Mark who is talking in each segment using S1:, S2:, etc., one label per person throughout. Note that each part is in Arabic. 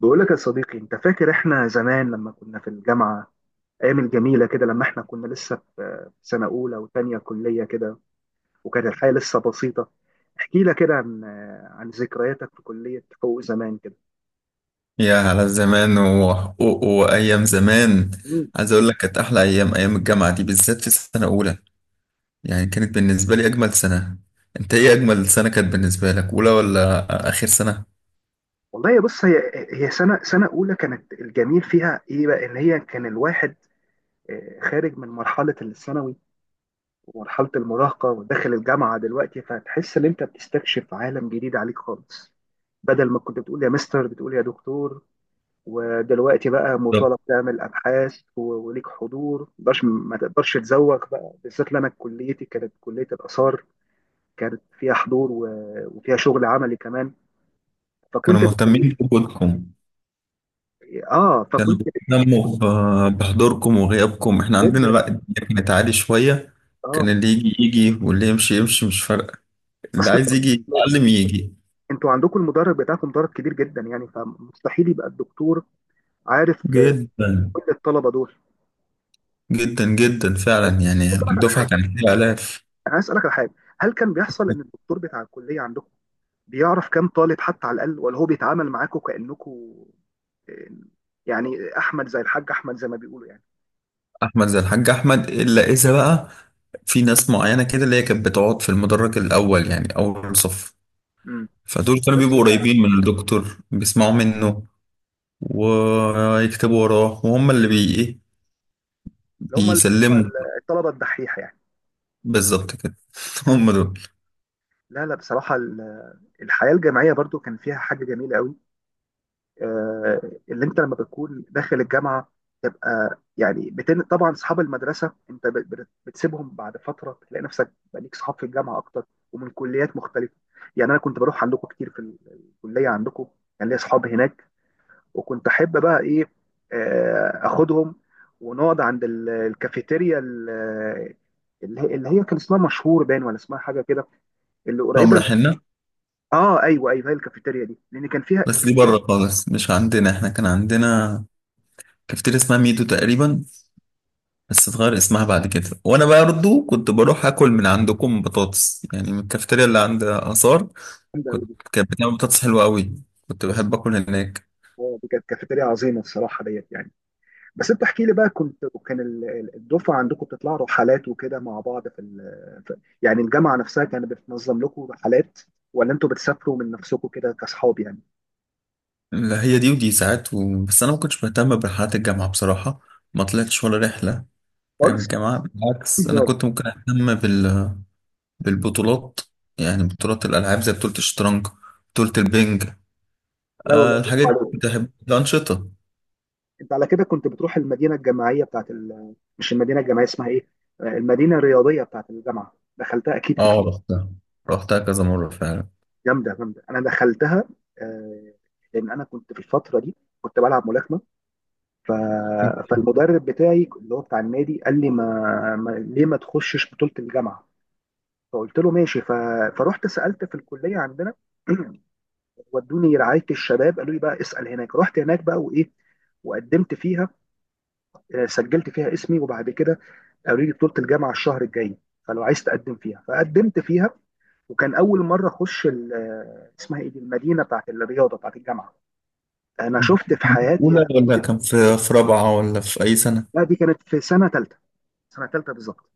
S1: بقول لك يا صديقي، انت فاكر احنا زمان لما كنا في الجامعه؟ ايام الجميله كده لما احنا كنا لسه في سنه اولى وتانية كليه كده، وكانت الحياه لسه بسيطه. احكي لك كده عن ذكرياتك في كليه حقوق زمان كده.
S2: يا على الزمان وحقوق وأيام زمان،
S1: مم.
S2: عايز أقول لك كانت أحلى أيام، أيام الجامعة دي، بالذات في سنة أولى. يعني كانت بالنسبة لي أجمل سنة. أنت إيه أجمل سنة كانت بالنسبة لك، أولى ولا آخر سنة؟
S1: والله يا بص، هي سنه اولى كانت الجميل فيها ايه بقى، ان هي كان الواحد خارج من مرحله الثانوي ومرحله المراهقه وداخل الجامعه دلوقتي، فتحس ان انت بتستكشف عالم جديد عليك خالص. بدل ما كنت بتقول يا مستر بتقول يا دكتور. ودلوقتي بقى
S2: بالظبط.
S1: مطالب تعمل ابحاث وليك حضور، ما تقدرش تزوق بقى، بالذات لأن انا كليتي كانت كليه الاثار. كانت فيها حضور وفيها شغل عملي كمان.
S2: كانوا
S1: فكنت بتلاقي.
S2: مهتمين بوجودكم،
S1: اه
S2: كانوا
S1: فكنت.
S2: بيهتموا بحضوركم وغيابكم. إحنا عندنا
S1: جدا.
S2: لأ، الدنيا كانت عالي شوية.
S1: اه.
S2: كان اللي يجي يجي واللي يمشي يمشي، مش فارقة. اللي
S1: اصل
S2: عايز يجي
S1: انتوا
S2: يتعلم يجي.
S1: انتوا عندكم المدرج بتاعكم، مدرج كبير جدا يعني، فمستحيل يبقى الدكتور عارف
S2: جدا
S1: كل الطلبه دول.
S2: جدا جدا فعلا، يعني
S1: اسالك على
S2: الدفعة
S1: حاجه،
S2: كانت فيها آلاف.
S1: انا عايز اسالك على حاجه. هل كان بيحصل ان الدكتور بتاع الكليه عندكم بيعرف كام طالب حتى على الاقل، ولا هو بيتعامل معاكم كانكم آه، يعني احمد زي الحاج احمد زي ما بيقولوا يعني؟
S2: احمد زي الحاج احمد، الا اذا بقى في ناس معينه كده، اللي هي كانت بتقعد في المدرج الاول، يعني اول صف.
S1: امم.
S2: فدول كانوا
S1: بس
S2: بيبقوا
S1: اللي بيعرف
S2: قريبين من الدكتور، بيسمعوا منه ويكتبوا وراه، وهم اللي بي ايه،
S1: اللي هم
S2: بيسلموا.
S1: الطلبه الدحيحه يعني.
S2: بالظبط كده. هم دول.
S1: لا لا بصراحه، الحياه الجامعيه برضو كان فيها حاجه جميله قوي. آه، اللي انت لما بتكون داخل الجامعه تبقى يعني طبعا اصحاب المدرسه انت بت... بت- بتسيبهم بعد فتره، تلاقي نفسك بقى ليك اصحاب في الجامعه اكتر ومن كليات مختلفه. يعني انا كنت بروح عندكم كتير في الكليه عندكم. كان ليا اصحاب هناك، وكنت احب بقى ايه اخدهم ونقعد عند الكافيتيريا اللي هي كان اسمها مشهور باين، ولا اسمها حاجه كده، اللي
S2: هم
S1: قريبه
S2: رايحين لنا.
S1: اه ايوه ايوه، هي الكافيتيريا دي لان كان فيها
S2: بس دي بره خالص، مش عندنا. احنا كان عندنا كافتيريا اسمها ميدو تقريبا، بس اتغير اسمها بعد كده. وانا برضه كنت بروح اكل من عندكم بطاطس، يعني من الكافتيريا اللي عند اثار.
S1: جامده قوي
S2: كنت،
S1: دي.
S2: كانت بتعمل بطاطس حلوة قوي، كنت بحب اكل هناك.
S1: دي كانت كافيتيريا عظيمه الصراحه ديت يعني. بس انت احكي لي بقى، كان الدفعه عندكم بتطلعوا رحلات وكده مع بعض في, في يعني الجامعه نفسها كانت بتنظم لكم رحلات، ولا انتوا بتسافروا من نفسكم كده كاصحاب يعني؟
S2: لا، هي دي ودي ساعات بس انا ما كنتش مهتم برحلات الجامعة بصراحة، ما طلعتش ولا رحلة. فاهم؟
S1: خالص.
S2: الجامعة بالعكس، انا كنت ممكن اهتم بالبطولات، يعني بطولات الالعاب زي بطولة الشطرنج، بطولة البنج.
S1: لا والله،
S2: أه،
S1: برافو
S2: الحاجات دي كنت
S1: عليك.
S2: احب الانشطة.
S1: انت على كده كنت بتروح المدينه الجامعيه بتاعت مش المدينه الجامعيه، اسمها ايه؟ المدينه الرياضيه بتاعت الجامعه. دخلتها اكيد
S2: اه،
S1: كتير؟
S2: رحتها. رحتها كذا مرة فعلا.
S1: جامده جامده انا دخلتها. آه، لان انا كنت في الفتره دي كنت بلعب ملاكمه ف...
S2: كان
S1: فالمدرب بتاعي اللي هو بتاع النادي قال لي ما... ما... ليه ما تخشش بطوله الجامعه؟ فقلت له ماشي فرحت سالت في الكليه عندنا. ودوني رعايه الشباب قالوا لي بقى اسال هناك. رحت هناك بقى وايه، وقدمت فيها. سجلت فيها اسمي، وبعد كده قالوا لي بطولة الجامعة الشهر الجاي، فلو عايز تقدم فيها، فقدمت فيها. وكان أول مرة أخش اسمها إيه دي المدينة بتاعت الرياضة بتاعت الجامعة، أنا شفت في
S2: في أولى
S1: حياتي.
S2: ولا كان في في رابعة، ولا في أي سنة؟
S1: لا دي كانت في سنة تالتة. سنة تالتة بالظبط.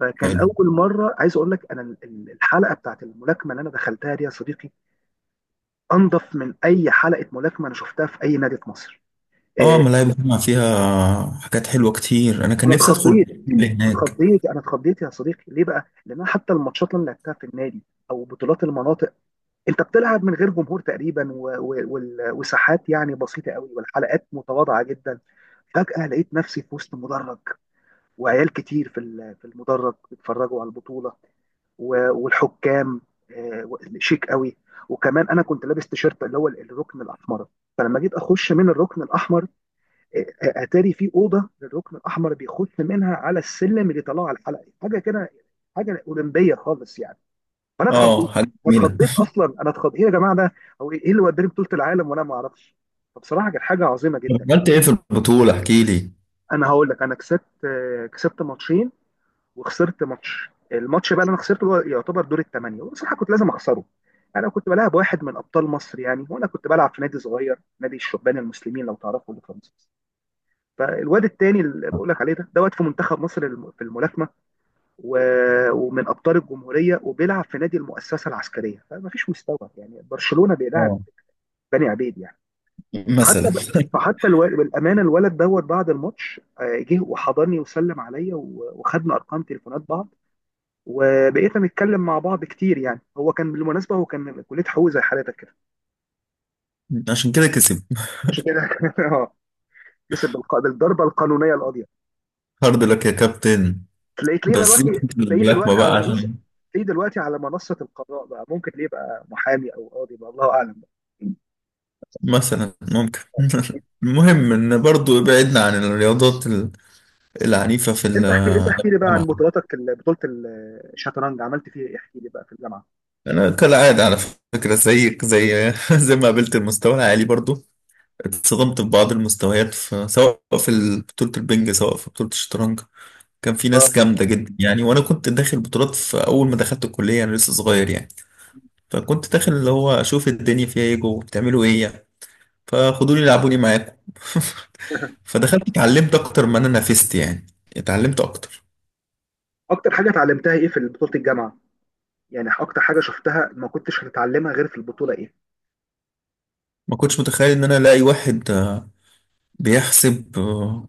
S1: فكان
S2: حلو.
S1: أول مرة، عايز أقول لك، أنا الحلقة بتاعت الملاكمة اللي أنا دخلتها دي يا صديقي أنظف من أي حلقة ملاكمة أنا شفتها في أي نادي في مصر.
S2: اه،
S1: آه،
S2: ملاهي بسمع فيها حاجات حلوة كتير، انا كان
S1: أنا
S2: نفسي ادخل
S1: اتخضيت.
S2: اللي هناك.
S1: اتخضيت أنا اتخضيت يا صديقي، ليه بقى؟ لأن أنا حتى الماتشات اللي أنا لعبتها في النادي او بطولات المناطق، انت بتلعب من غير جمهور تقريبا وساحات يعني بسيطه قوي، والحلقات متواضعه جدا. فجاه لقيت نفسي في وسط مدرج، وعيال كتير في في المدرج بيتفرجوا على البطوله والحكام شيك قوي. وكمان انا كنت لابس تيشيرت اللي هو الركن الاحمر. فلما جيت اخش من الركن الاحمر اتاري في اوضه للركن الاحمر بيخش منها على السلم اللي طلع على الحلقه حاجه كده، حاجه اولمبيه خالص يعني. فانا اتخضيت.
S2: اه، حاجة جميلة.
S1: اتخضيت اصلا، انا اتخضيت، ايه يا جماعه ده؟ هو إيه اللي وداني بطوله العالم وانا ما اعرفش؟ فبصراحه كانت حاجه عظيمه جدا.
S2: طب عملت ايه في البطولة؟ احكي لي.
S1: انا هقول لك، انا كسبت ماتشين وخسرت ماتش. الماتش بقى اللي انا خسرته هو يعتبر دور الثمانيه، وبصراحه كنت لازم اخسره. يعني انا كنت بلعب واحد من ابطال مصر يعني، وانا كنت بلعب في نادي صغير، نادي الشبان المسلمين لو تعرفوا اللي في مصر. فالواد التاني اللي بقول لك عليه ده واد في منتخب مصر، في الملاكمه ومن ابطال الجمهوريه، وبيلعب في نادي المؤسسه العسكريه، فما فيش مستوى. يعني برشلونه بيلعب
S2: اه،
S1: بني عبيد يعني. حتى
S2: مثلا.
S1: ب... فحتى الو... بالامانه الولد دوت بعد الماتش جه وحضني وسلم عليا وخدنا ارقام تليفونات بعض. وبقيت نتكلم مع بعض كتير، يعني هو كان بالمناسبه، هو كان من كليه حقوق زي حالتك كده.
S2: عشان كده كسب.
S1: عشان كده. اه، كسب بالضربه القانونيه القاضيه.
S2: هارد لك يا كابتن.
S1: تلاقيه بقى
S2: بس
S1: دلوقتي،
S2: سيبك من
S1: تلاقيه
S2: الملاكمة
S1: دلوقتي على
S2: بقى
S1: منصه،
S2: عشان
S1: تلاقيه دلوقتي على منصه القضاء بقى، ممكن ليه بقى محامي او قاضي بقى، الله اعلم بقى.
S2: مثلا ممكن. المهم ان برضو ابعدنا عن الرياضات العنيفة في الجامعة.
S1: انت احكي لي بقى عن بطولاتك، بطوله الشطرنج، عملت فيها ايه؟ احكي لي بقى في الجامعه.
S2: انا كالعادة على فكرة زيك، زي زي ما قابلت المستوى العالي برضو، اتصدمت ببعض المستويات، في سواء في بطولة البنج، سواء في بطولة الشطرنج. كان في
S1: اه.
S2: ناس جامدة جدا، يعني وأنا كنت داخل بطولات في أول ما دخلت الكلية، أنا لسه صغير يعني. فكنت داخل اللي هو أشوف الدنيا فيها إيه، جوه بتعملوا إيه يعني. فخدوني لعبوني معاكم. فدخلت اتعلمت أكتر ما أنا نافست يعني، اتعلمت أكتر.
S1: اكتر حاجه اتعلمتها ايه في بطوله الجامعه؟ يعني اكتر حاجه شفتها ما كنتش هتتعلمها غير في البطوله، ايه؟
S2: ما كنتش متخيل إن أنا ألاقي واحد بيحسب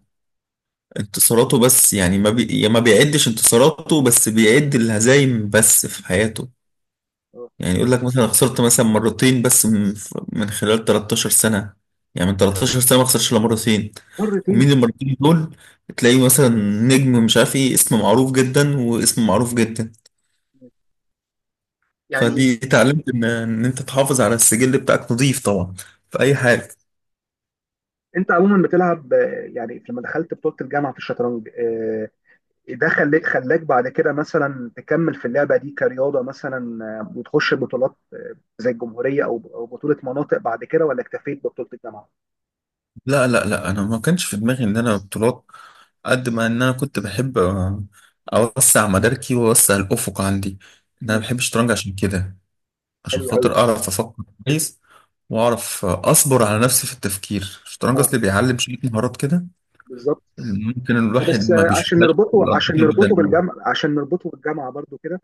S2: انتصاراته بس. يعني ما بيعدش انتصاراته بس، بيعد الهزايم بس في حياته.
S1: اه.
S2: يعني يقول لك مثلا خسرت مثلا مرتين بس، من خلال 13 سنة. يعني من 13 سنة ما خسرش إلا مرتين.
S1: مرتين.
S2: ومين المرتين دول؟ تلاقيه مثلا نجم مش عارف ايه، اسم معروف جدا واسم معروف جدا.
S1: يعني
S2: فدي اتعلمت ان انت تحافظ على السجل بتاعك نظيف طبعا، في اي حاجة.
S1: انت عموما بتلعب يعني لما دخلت بطوله الجامعه في الشطرنج ده خلاك بعد كده مثلا تكمل في اللعبه دي كرياضه، مثلا وتخش بطولات زي الجمهوريه او بطوله مناطق بعد كده، ولا اكتفيت ببطوله الجامعه؟
S2: لا لا لا، انا ما كانش في دماغي ان انا بطولات، قد ما ان انا كنت بحب اوسع مداركي واوسع الافق عندي، إن انا
S1: مم،
S2: بحب الشطرنج. عشان كده، عشان
S1: حلو قوي.
S2: خاطر اعرف افكر كويس، واعرف اصبر على نفسي في التفكير. الشطرنج
S1: اه
S2: اصلي بيعلم شويه مهارات كده،
S1: بالظبط.
S2: اللي ممكن الواحد
S1: بس
S2: ما
S1: عشان
S2: بيشوفهاش في
S1: نربطه عشان
S2: الانشطه
S1: نربطه
S2: البدنيه.
S1: بالجامعة عشان نربطه بالجامعة برضو كده،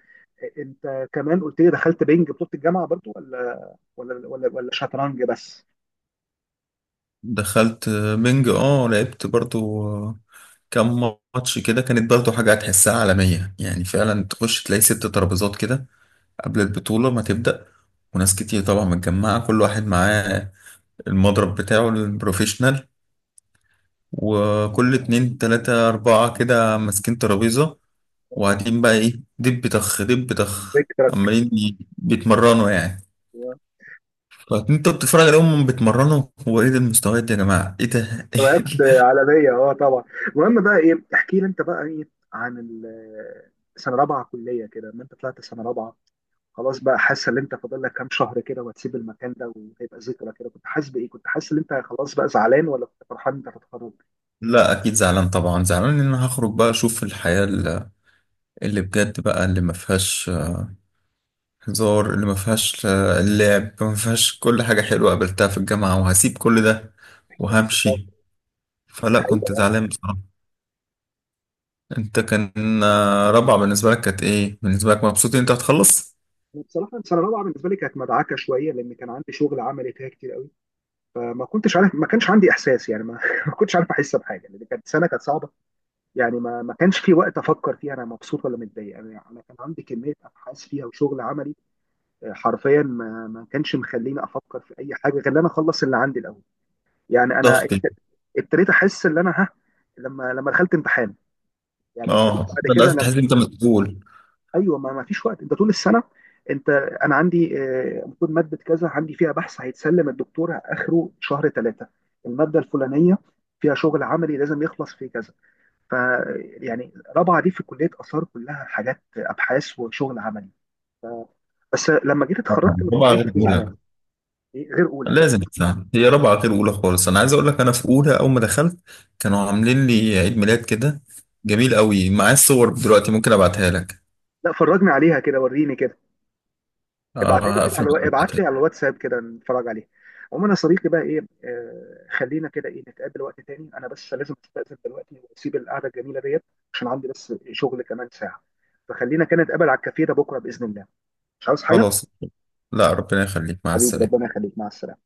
S1: انت كمان قلت لي دخلت بينج بطولة الجامعة برضو، ولا شطرنج بس؟
S2: دخلت بنج، اه لعبت برضو كم ماتش كده. كانت برضو حاجه هتحسها عالميه يعني، فعلا تخش تلاقي ست ترابيزات كده قبل البطوله ما تبدا، وناس كتير طبعا متجمعه، كل واحد معاه المضرب بتاعه البروفيشنال، وكل اتنين تلاتة أربعة كده ماسكين ترابيزة، وقاعدين بقى ايه، دب طخ دب طخ،
S1: فكرة.
S2: عمالين بيتمرنوا يعني. فانت بتتفرج عليهم بيتمرنوا، هو ايه ده المستويات دي، يا جماعه ايه ده.
S1: وقفت عالمية، اه طبعا. المهم بقى ايه، احكي لي انت بقى ايه عن سنة رابعة كلية كده، ما انت طلعت سنة رابعة خلاص بقى، حاسة ان انت فاضل لك كام شهر كده وهتسيب المكان ده وهيبقى ذكرى كده، كنت حاسس بايه؟ كنت حاسس ان انت خلاص بقى زعلان، ولا كنت فرحان انت هتتخرج؟
S2: لا اكيد زعلان، طبعا زعلان ان انا هخرج بقى، اشوف الحياه اللي بجد بقى، اللي ما فيهاش هزار، اللي ما فيهاش اللعب، ما فيهاش كل حاجه حلوه قابلتها في الجامعه، وهسيب كل ده وهمشي. فلا، كنت
S1: أيوة،
S2: زعلان بصراحه. انت كان رابعه بالنسبه لك كانت ايه بالنسبه لك، مبسوط ان انت هتخلص؟
S1: بصراحه السنه الرابعه بالنسبه لي كانت مدعكه شويه، لان كان عندي شغل عملي فيها كتير قوي. فما كنتش عارف، ما كانش عندي احساس، يعني ما, ما كنتش عارف احس بحاجه، لان كانت سنه كانت صعبه. يعني ما كانش في وقت افكر فيها انا مبسوط ولا متضايق انا، يعني كان عندي كميه ابحاث فيها وشغل عملي. حرفيا ما كانش مخليني افكر في اي حاجه غير ان انا اخلص اللي عندي الاول. يعني انا
S2: ضغط.
S1: ابتديت احس ان انا لما دخلت امتحان، يعني ابتديت
S2: اه
S1: بعد
S2: بدأت
S1: كده.
S2: تحس إن انت مسؤول.
S1: ايوه، ما فيش وقت، انت طول السنه، انت، انا عندي المفروض ماده كذا عندي فيها بحث هيتسلم الدكتور اخره شهر ثلاثه، الماده الفلانيه فيها شغل عملي لازم يخلص في كذا. ف يعني رابعه دي في كليه اثار، كلها حاجات ابحاث وشغل عملي. بس لما جيت اتخرجت من
S2: طبعاً، رابعه
S1: الكليه
S2: غير
S1: كنت
S2: اولى،
S1: زعلان. إيه، غير اولى، لا.
S2: لازم تساعد. هي رابعه غير اولى خالص. انا عايز اقول لك، انا في اولى اول ما دخلت كانوا عاملين لي عيد ميلاد كده، جميل قوي. معايا الصور دلوقتي، ممكن ابعتها لك.
S1: لا فرجني عليها كده، وريني كده. ابعت لي
S2: اه
S1: كده
S2: هقفل معاك
S1: ابعت
S2: وأبعتها
S1: لي على
S2: لك.
S1: الواتساب كده، نتفرج عليه. عموما يا صديقي بقى ايه، خلينا كده ايه نتقابل وقت تاني، انا بس لازم استأذن دلوقتي واسيب القعده الجميله ديت، عشان عندي بس شغل كمان ساعه. فخلينا كده نتقابل على الكافيه ده بكره باذن الله. مش عاوز حاجه.
S2: خلاص، لا ربنا يخليك، مع
S1: حبيبي، ربنا
S2: السلامه.
S1: يخليك، مع السلامه.